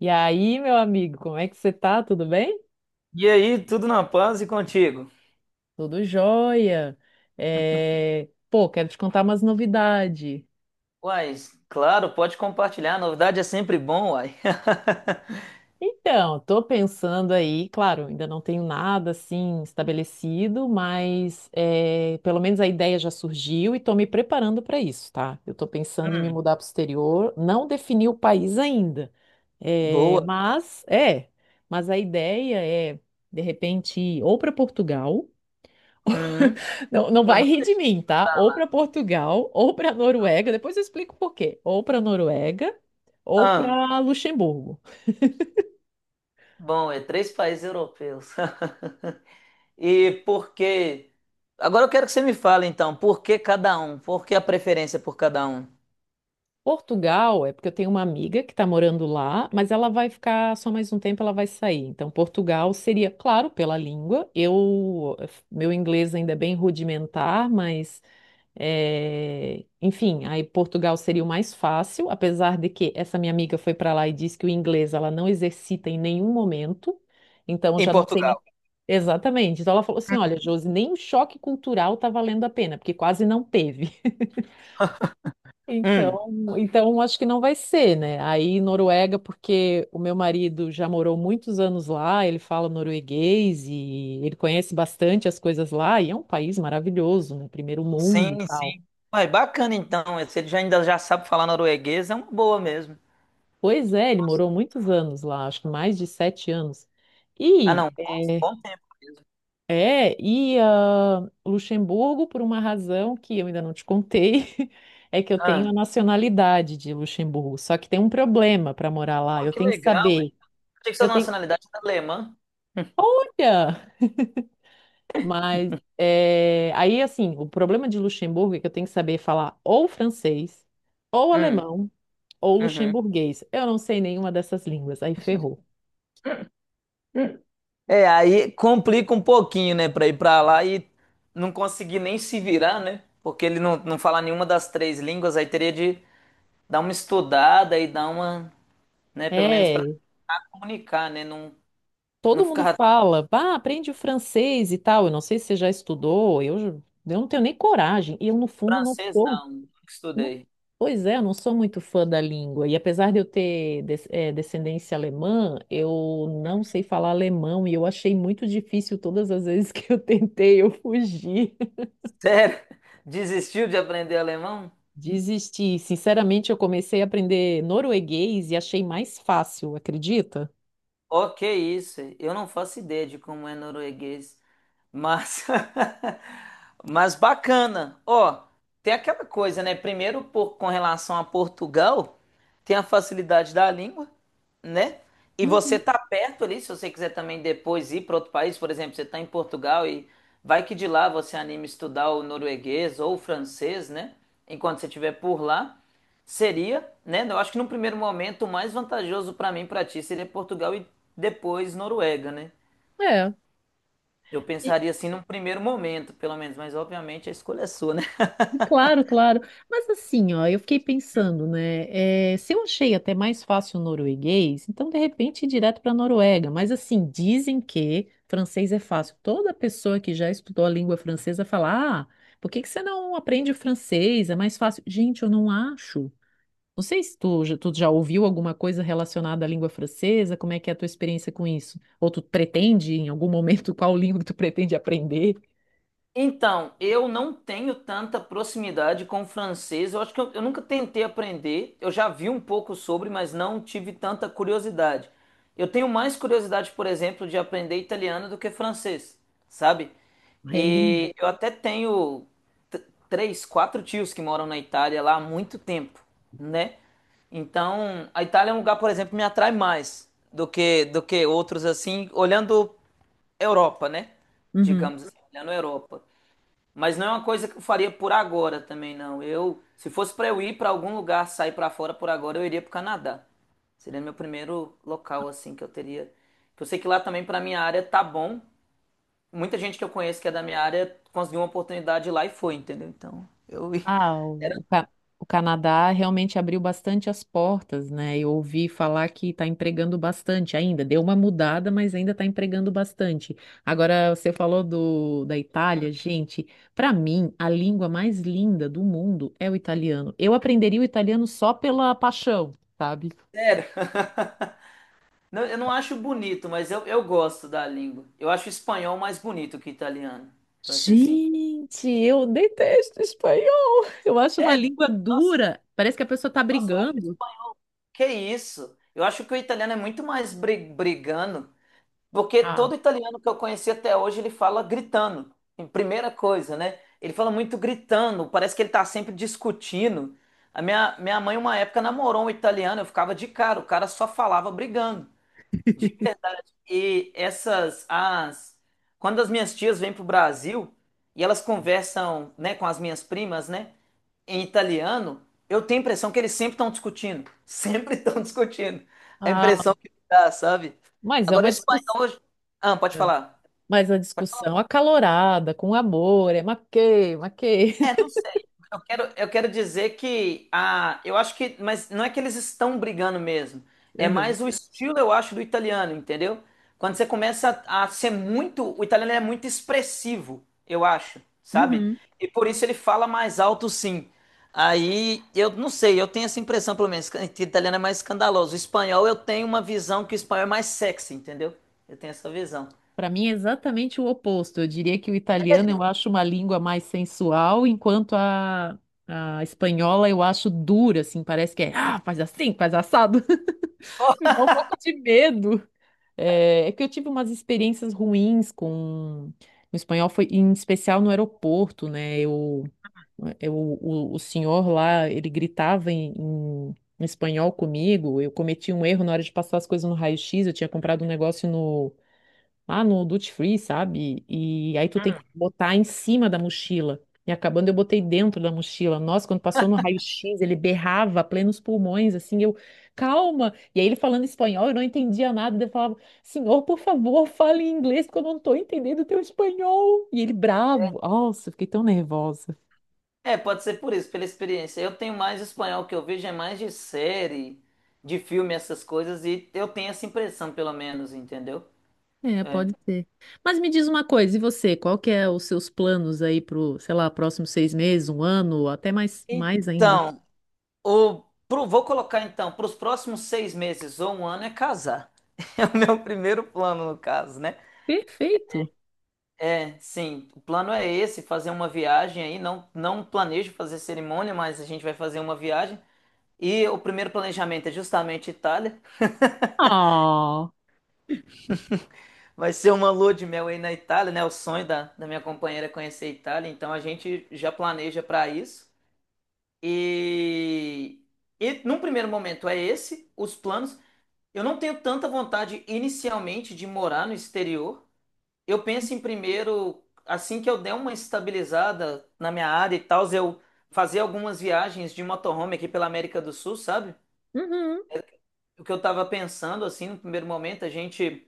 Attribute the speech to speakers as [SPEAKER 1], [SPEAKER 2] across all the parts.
[SPEAKER 1] E aí, meu amigo, como é que você tá? Tudo bem?
[SPEAKER 2] E aí, tudo na paz e contigo?
[SPEAKER 1] Tudo jóia. Pô, quero te contar umas novidades.
[SPEAKER 2] Uai, claro, pode compartilhar. Novidade é sempre bom, uai.
[SPEAKER 1] Então, tô pensando aí, claro, ainda não tenho nada assim estabelecido, mas, pelo menos a ideia já surgiu e tô me preparando para isso, tá? Eu tô pensando em me
[SPEAKER 2] Hum,
[SPEAKER 1] mudar para o exterior, não defini o país ainda, é,
[SPEAKER 2] boa.
[SPEAKER 1] mas é, mas a ideia é de repente ir ou para Portugal.
[SPEAKER 2] Uhum.
[SPEAKER 1] Não, não
[SPEAKER 2] Dá
[SPEAKER 1] vai rir
[SPEAKER 2] muita
[SPEAKER 1] de
[SPEAKER 2] gente
[SPEAKER 1] mim, tá?
[SPEAKER 2] pra
[SPEAKER 1] Ou
[SPEAKER 2] lá.
[SPEAKER 1] para Portugal, ou para Noruega. Depois eu explico por quê. Ou para Noruega, ou
[SPEAKER 2] Ah,
[SPEAKER 1] para Luxemburgo.
[SPEAKER 2] bom, é três países europeus. E por que? Agora eu quero que você me fale então, por que cada um? Por que a preferência por cada um?
[SPEAKER 1] Portugal é porque eu tenho uma amiga que está morando lá, mas ela vai ficar só mais um tempo, ela vai sair. Então, Portugal seria, claro, pela língua. Eu, meu inglês ainda é bem rudimentar, mas enfim, aí Portugal seria o mais fácil, apesar de que essa minha amiga foi para lá e disse que o inglês ela não exercita em nenhum momento, então
[SPEAKER 2] Em
[SPEAKER 1] já não sei nem.
[SPEAKER 2] Portugal.
[SPEAKER 1] Exatamente. Então ela falou assim: olha, Josi, nem o choque cultural tá valendo a pena, porque quase não teve. Então,
[SPEAKER 2] Hum,
[SPEAKER 1] então acho que não vai ser, né? Aí Noruega, porque o meu marido já morou muitos anos lá, ele fala norueguês e ele conhece bastante as coisas lá, e é um país maravilhoso, né? Primeiro mundo e
[SPEAKER 2] sim,
[SPEAKER 1] tal.
[SPEAKER 2] sim. Uai, bacana então. Se ele já ainda já sabe falar norueguês, é uma boa mesmo.
[SPEAKER 1] Pois é, ele morou muitos anos lá, acho que mais de 7 anos.
[SPEAKER 2] Ah,
[SPEAKER 1] E
[SPEAKER 2] não, bom,
[SPEAKER 1] é,
[SPEAKER 2] bom tempo mesmo.
[SPEAKER 1] Luxemburgo, por uma razão que eu ainda não te contei, é que eu tenho a
[SPEAKER 2] Ah,
[SPEAKER 1] nacionalidade de Luxemburgo. Só que tem um problema para morar lá.
[SPEAKER 2] pô,
[SPEAKER 1] Eu
[SPEAKER 2] que
[SPEAKER 1] tenho que
[SPEAKER 2] legal,
[SPEAKER 1] saber.
[SPEAKER 2] achei que sua
[SPEAKER 1] Eu tenho.
[SPEAKER 2] nacionalidade era alemã.
[SPEAKER 1] Olha! Mas assim, o problema de Luxemburgo é que eu tenho que saber falar ou francês, ou
[SPEAKER 2] Hum,
[SPEAKER 1] alemão, ou
[SPEAKER 2] uhum.
[SPEAKER 1] luxemburguês. Eu não sei nenhuma dessas línguas. Aí ferrou.
[SPEAKER 2] É, aí complica um pouquinho, né, pra ir pra lá e não conseguir nem se virar, né? Porque ele não fala nenhuma das três línguas, aí teria de dar uma estudada e dar uma, né, pelo menos pra
[SPEAKER 1] É,
[SPEAKER 2] comunicar, né? Não, não
[SPEAKER 1] todo mundo
[SPEAKER 2] ficar
[SPEAKER 1] fala, pá, aprende o francês e tal. Eu não sei se você já estudou, eu não tenho nem coragem. E eu, no fundo, não
[SPEAKER 2] francês,
[SPEAKER 1] sou.
[SPEAKER 2] não. Nunca
[SPEAKER 1] não-
[SPEAKER 2] estudei.
[SPEAKER 1] Pois é, eu não sou muito fã da língua. E apesar de eu ter descendência alemã, eu não sei falar alemão. E eu achei muito difícil todas as vezes que eu tentei, eu fugi.
[SPEAKER 2] Sério? Desistiu de aprender alemão?
[SPEAKER 1] Desisti. Sinceramente, eu comecei a aprender norueguês e achei mais fácil, acredita?
[SPEAKER 2] Ok, isso? Eu não faço ideia de como é norueguês, mas mas bacana. Ó, tem aquela coisa, né? Primeiro, por, com relação a Portugal, tem a facilidade da língua, né? E você
[SPEAKER 1] Uhum.
[SPEAKER 2] tá perto ali, se você quiser também depois ir para outro país, por exemplo, você tá em Portugal e vai que de lá você anime estudar o norueguês ou o francês, né? Enquanto você estiver por lá. Seria, né? Eu acho que no primeiro momento o mais vantajoso para mim, e para ti, seria Portugal e depois Noruega, né?
[SPEAKER 1] É.
[SPEAKER 2] Eu pensaria assim num primeiro momento, pelo menos, mas obviamente a escolha é sua, né?
[SPEAKER 1] Claro, claro. Mas assim, ó, eu fiquei pensando, né? Se eu achei até mais fácil o norueguês, então de repente ir direto para a Noruega. Mas assim, dizem que francês é fácil. Toda pessoa que já estudou a língua francesa fala: ah, por que que você não aprende o francês? É mais fácil. Gente, eu não acho. Não sei se tu já ouviu alguma coisa relacionada à língua francesa, como é que é a tua experiência com isso? Ou tu pretende, em algum momento, qual língua que tu pretende aprender?
[SPEAKER 2] Então, eu não tenho tanta proximidade com o francês. Eu acho que eu nunca tentei aprender. Eu já vi um pouco sobre, mas não tive tanta curiosidade. Eu tenho mais curiosidade, por exemplo, de aprender italiano do que francês, sabe?
[SPEAKER 1] É lindo.
[SPEAKER 2] E eu até tenho t- três, quatro tios que moram na Itália lá há muito tempo, né? Então, a Itália é um lugar, por exemplo, que me atrai mais do que outros assim, olhando Europa, né? Digamos assim, olhando Europa. Mas não é uma coisa que eu faria por agora também, não. Eu, se fosse para eu ir para algum lugar, sair para fora por agora, eu iria pro Canadá. Seria meu primeiro local assim que eu teria. Que eu sei que lá também para minha área tá bom. Muita gente que eu conheço que é da minha área conseguiu uma oportunidade lá e foi, entendeu? Então, eu ia-
[SPEAKER 1] Ah,
[SPEAKER 2] era
[SPEAKER 1] o, o Ca- o Canadá realmente abriu bastante as portas, né? Eu ouvi falar que está empregando bastante ainda. Deu uma mudada, mas ainda está empregando bastante. Agora, você falou da Itália, gente. Para mim, a língua mais linda do mundo é o italiano. Eu aprenderia o italiano só pela paixão, sabe?
[SPEAKER 2] sério. Não, eu não acho bonito, mas eu gosto da língua. Eu acho espanhol mais bonito que italiano, para ser sincero.
[SPEAKER 1] Gente, eu detesto espanhol. Eu acho uma
[SPEAKER 2] Sério?
[SPEAKER 1] língua
[SPEAKER 2] Nossa,
[SPEAKER 1] dura. Parece que a pessoa está
[SPEAKER 2] nossa, eu acho
[SPEAKER 1] brigando.
[SPEAKER 2] Que isso? Eu acho que o italiano é muito mais brigando, porque
[SPEAKER 1] Ah,
[SPEAKER 2] todo italiano que eu conheci até hoje ele fala gritando, em primeira coisa, né? Ele fala muito gritando, parece que ele tá sempre discutindo. A minha mãe, uma época, namorou um italiano, eu ficava de cara, o cara só falava brigando, de verdade. E essas, as. Quando as minhas tias vêm pro Brasil e elas conversam, né, com as minhas primas, né, em italiano, eu tenho a impressão que eles sempre estão discutindo. Sempre estão discutindo. A
[SPEAKER 1] ah,
[SPEAKER 2] impressão que dá, sabe?
[SPEAKER 1] mas é
[SPEAKER 2] Agora o
[SPEAKER 1] uma discussão.
[SPEAKER 2] espanhol. Ah, pode falar.
[SPEAKER 1] Mas a discussão acalorada, com amor, é maquei, maquei.
[SPEAKER 2] É, não sei. Eu quero dizer que a, eu acho que, mas não é que eles estão brigando mesmo. É
[SPEAKER 1] Aham.
[SPEAKER 2] mais o estilo, eu acho, do italiano, entendeu? Quando você começa a ser muito, o italiano é muito expressivo, eu acho, sabe?
[SPEAKER 1] Uhum.
[SPEAKER 2] E por isso ele fala mais alto, sim. Aí eu não sei, eu tenho essa impressão, pelo menos, que o italiano é mais escandaloso. O espanhol eu tenho uma visão que o espanhol é mais sexy, entendeu? Eu tenho essa visão.
[SPEAKER 1] Para mim é exatamente o oposto. Eu diria que o italiano eu
[SPEAKER 2] Sério?
[SPEAKER 1] acho uma língua mais sensual, enquanto a espanhola eu acho dura, assim, parece que é, ah, faz assim, faz assado. Me dá um pouco de medo. É, é que eu tive umas experiências ruins com o espanhol, foi em especial no aeroporto, né? O senhor lá, ele gritava em espanhol comigo. Eu cometi um erro na hora de passar as coisas no raio-x. Eu tinha comprado um negócio lá no Duty Free, sabe? E aí tu tem que botar em cima da mochila. E acabando, eu botei dentro da mochila. Nossa, quando passou no raio-x, ele berrava a plenos pulmões, assim, eu, calma! E aí ele falando espanhol, eu não entendia nada. Daí eu falava, senhor, por favor, fale em inglês, porque eu não tô entendendo o teu espanhol. E ele bravo. Nossa, eu fiquei tão nervosa.
[SPEAKER 2] É, pode ser por isso, pela experiência. Eu tenho mais espanhol, que eu vejo é mais de série, de filme, essas coisas, e eu tenho essa impressão, pelo menos, entendeu?
[SPEAKER 1] É,
[SPEAKER 2] É.
[SPEAKER 1] pode ser. Mas me diz uma coisa, e você, qual que é os seus planos aí pro, sei lá, próximos 6 meses, um ano, ou até mais, mais ainda?
[SPEAKER 2] Então, o, vou colocar então, para os próximos 6 meses ou um ano é casar. É o meu primeiro plano, no caso, né?
[SPEAKER 1] Perfeito.
[SPEAKER 2] É, sim, o plano é esse, fazer uma viagem aí, não planejo fazer cerimônia, mas a gente vai fazer uma viagem. E o primeiro planejamento é justamente Itália,
[SPEAKER 1] Ah,
[SPEAKER 2] vai ser uma lua de mel aí na Itália, né? O sonho da minha companheira é conhecer a Itália, então a gente já planeja para isso. E, e num primeiro momento é esse, os planos. Eu não tenho tanta vontade inicialmente de morar no exterior. Eu penso em primeiro, assim que eu der uma estabilizada na minha área e tal, eu fazer algumas viagens de motorhome aqui pela América do Sul, sabe?
[SPEAKER 1] uhum,
[SPEAKER 2] O que eu tava pensando, assim, no primeiro momento, a gente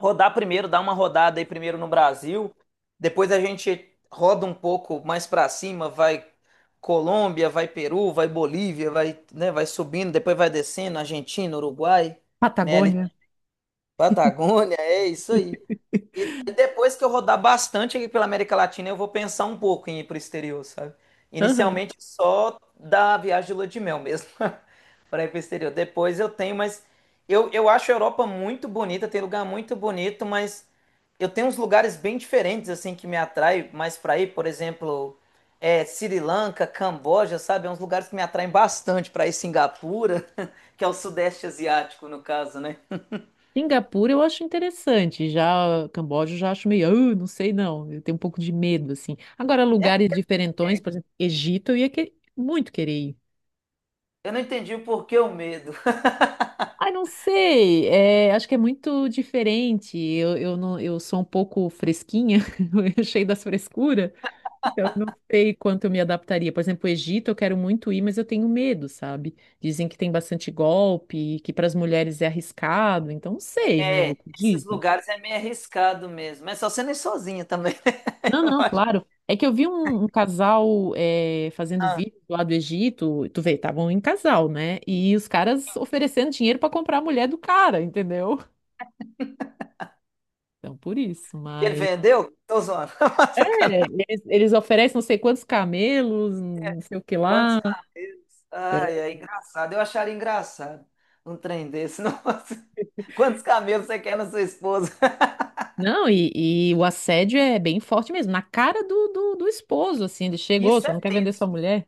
[SPEAKER 2] rodar primeiro, dar uma rodada aí primeiro no Brasil, depois a gente roda um pouco mais pra cima, vai Colômbia, vai Peru, vai Bolívia, vai, né, vai subindo, depois vai descendo, Argentina, Uruguai, né, ali tem Patagônia, é isso aí. E depois que eu rodar bastante aqui pela América Latina, eu vou pensar um pouco em ir para o exterior, sabe?
[SPEAKER 1] aham.
[SPEAKER 2] Inicialmente só da viagem de lua de mel mesmo, para ir para o exterior. Depois eu tenho, mas eu acho a Europa muito bonita, tem lugar muito bonito, mas eu tenho uns lugares bem diferentes, assim, que me atrai mais para ir, por exemplo, é, Sri Lanka, Camboja, sabe? É uns lugares que me atraem bastante para ir Singapura, que é o Sudeste Asiático, no caso, né?
[SPEAKER 1] Singapura eu acho interessante, já Camboja eu já acho meio, "Ah, não sei não, eu tenho um pouco de medo, assim. Agora, lugares diferentões, por exemplo, Egito, muito querer ir.
[SPEAKER 2] Eu não entendi o porquê o medo.
[SPEAKER 1] Ai, não sei, é, acho que é muito diferente, não, eu sou um pouco fresquinha, eu cheio das frescuras. Então, eu não sei quanto eu me adaptaria. Por exemplo, o Egito eu quero muito ir, mas eu tenho medo, sabe? Dizem que tem bastante golpe, que para as mulheres é arriscado, então não sei, né? É o
[SPEAKER 2] É,
[SPEAKER 1] que
[SPEAKER 2] esses
[SPEAKER 1] dizem.
[SPEAKER 2] lugares é meio arriscado mesmo. Mas só sendo ir sozinha também, né?
[SPEAKER 1] Não,
[SPEAKER 2] Eu
[SPEAKER 1] não,
[SPEAKER 2] acho.
[SPEAKER 1] claro. É que eu vi um casal é, fazendo
[SPEAKER 2] Ah,
[SPEAKER 1] vídeo lá do Egito, tu vê, estavam em casal, né? E os caras oferecendo dinheiro para comprar a mulher do cara, entendeu? Então, por isso,
[SPEAKER 2] que ele
[SPEAKER 1] mas.
[SPEAKER 2] vendeu? Tô zoando.
[SPEAKER 1] É,
[SPEAKER 2] Sacanagem.
[SPEAKER 1] eles oferecem não sei quantos camelos, não sei o que
[SPEAKER 2] Quantos
[SPEAKER 1] lá.
[SPEAKER 2] carneiros? Ai, é engraçado. Eu acharia engraçado um trem desse. Nossa. Quantos camelos você quer na sua esposa?
[SPEAKER 1] Não, e o assédio é bem forte mesmo, na cara do esposo, assim, ele chegou,
[SPEAKER 2] Isso
[SPEAKER 1] você
[SPEAKER 2] é
[SPEAKER 1] não quer vender sua
[SPEAKER 2] tenso.
[SPEAKER 1] mulher?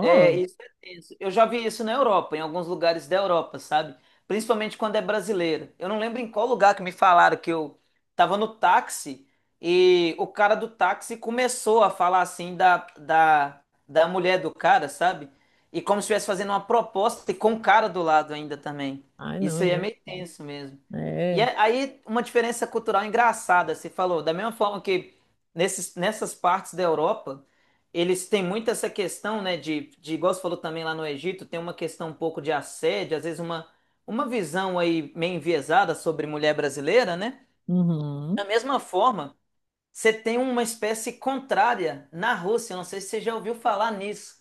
[SPEAKER 2] É, isso é tenso. Eu já vi isso na Europa, em alguns lugares da Europa, sabe? Principalmente quando é brasileira. Eu não lembro em qual lugar que me falaram que eu tava no táxi e o cara do táxi começou a falar assim da mulher do cara, sabe? E como se estivesse fazendo uma proposta e com o cara do lado ainda também.
[SPEAKER 1] não, é
[SPEAKER 2] Isso aí é
[SPEAKER 1] muito.
[SPEAKER 2] meio tenso mesmo.
[SPEAKER 1] É.
[SPEAKER 2] Aí, uma diferença cultural engraçada, você falou, da mesma forma que nessas partes da Europa. Eles têm muito essa questão, né, igual você falou também lá no Egito, tem uma questão um pouco de assédio, às vezes uma visão aí meio enviesada sobre mulher brasileira, né? Da
[SPEAKER 1] Uhum.
[SPEAKER 2] mesma forma, você tem uma espécie contrária na Rússia, eu não sei se você já ouviu falar nisso,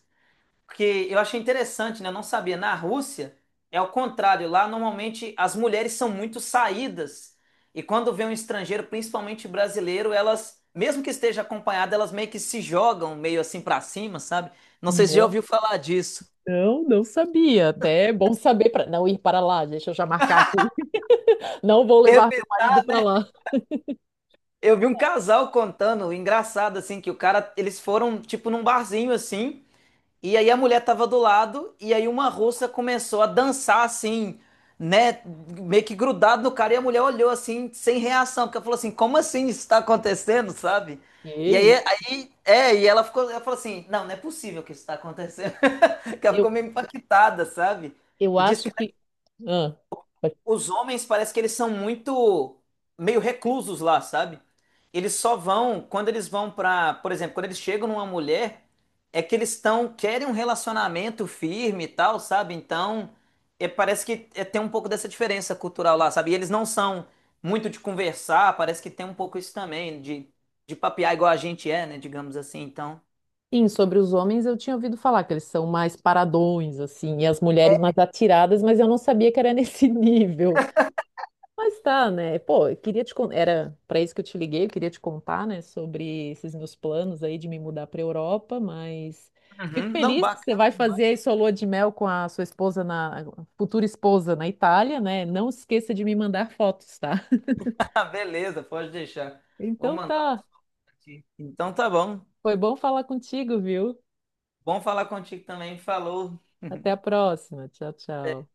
[SPEAKER 2] porque eu achei interessante, né? Eu não sabia. Na Rússia é o contrário. Lá normalmente as mulheres são muito saídas. E quando vê um estrangeiro, principalmente brasileiro, elas, mesmo que esteja acompanhada, elas meio que se jogam meio assim pra cima, sabe? Não sei se já
[SPEAKER 1] Não,
[SPEAKER 2] ouviu falar disso.
[SPEAKER 1] não sabia. Até é bom saber para não ir para lá, deixa eu já marcar aqui. Não vou
[SPEAKER 2] Eu
[SPEAKER 1] levar
[SPEAKER 2] vi,
[SPEAKER 1] meu marido para lá.
[SPEAKER 2] eu vi um casal contando, engraçado assim, que o cara, eles foram tipo num barzinho assim. E aí a mulher tava do lado, e aí uma russa começou a dançar assim, né? Meio que grudado no cara, e a mulher olhou assim, sem reação, porque ela falou assim, como assim isso tá acontecendo, sabe? E aí,
[SPEAKER 1] Ei,
[SPEAKER 2] aí é, e ela ficou, ela falou assim, não, não é possível que isso tá acontecendo. Que ela
[SPEAKER 1] Eu,
[SPEAKER 2] ficou meio impactada, sabe?
[SPEAKER 1] eu
[SPEAKER 2] E disse
[SPEAKER 1] acho
[SPEAKER 2] que
[SPEAKER 1] que. Ah,
[SPEAKER 2] os homens parece que eles são muito meio reclusos lá, sabe? Eles só vão quando eles vão pra, por exemplo, quando eles chegam numa mulher, é que eles estão querem um relacionamento firme e tal, sabe? Então, é, parece que é, tem um pouco dessa diferença cultural lá, sabe? E eles não são muito de conversar, parece que tem um pouco isso também de papear igual a gente é, né, digamos assim. Então,
[SPEAKER 1] sim, sobre os homens eu tinha ouvido falar que eles são mais paradões, assim, e as mulheres mais atiradas, mas eu não sabia que era nesse nível. Mas tá, né? Pô, eu queria te con- era para isso que eu te liguei, eu queria te contar, né, sobre esses meus planos aí de me mudar para Europa, mas fico
[SPEAKER 2] uhum, não,
[SPEAKER 1] feliz que você
[SPEAKER 2] bacana
[SPEAKER 1] vai
[SPEAKER 2] demais.
[SPEAKER 1] fazer aí sua lua de mel com a sua esposa na futura esposa na Itália, né? Não esqueça de me mandar fotos, tá?
[SPEAKER 2] Ah, beleza, pode deixar. Vou
[SPEAKER 1] Então
[SPEAKER 2] mandar um
[SPEAKER 1] tá.
[SPEAKER 2] aqui. Então tá bom.
[SPEAKER 1] Foi bom falar contigo, viu?
[SPEAKER 2] Bom falar contigo também, falou.
[SPEAKER 1] Até a próxima. Tchau, tchau.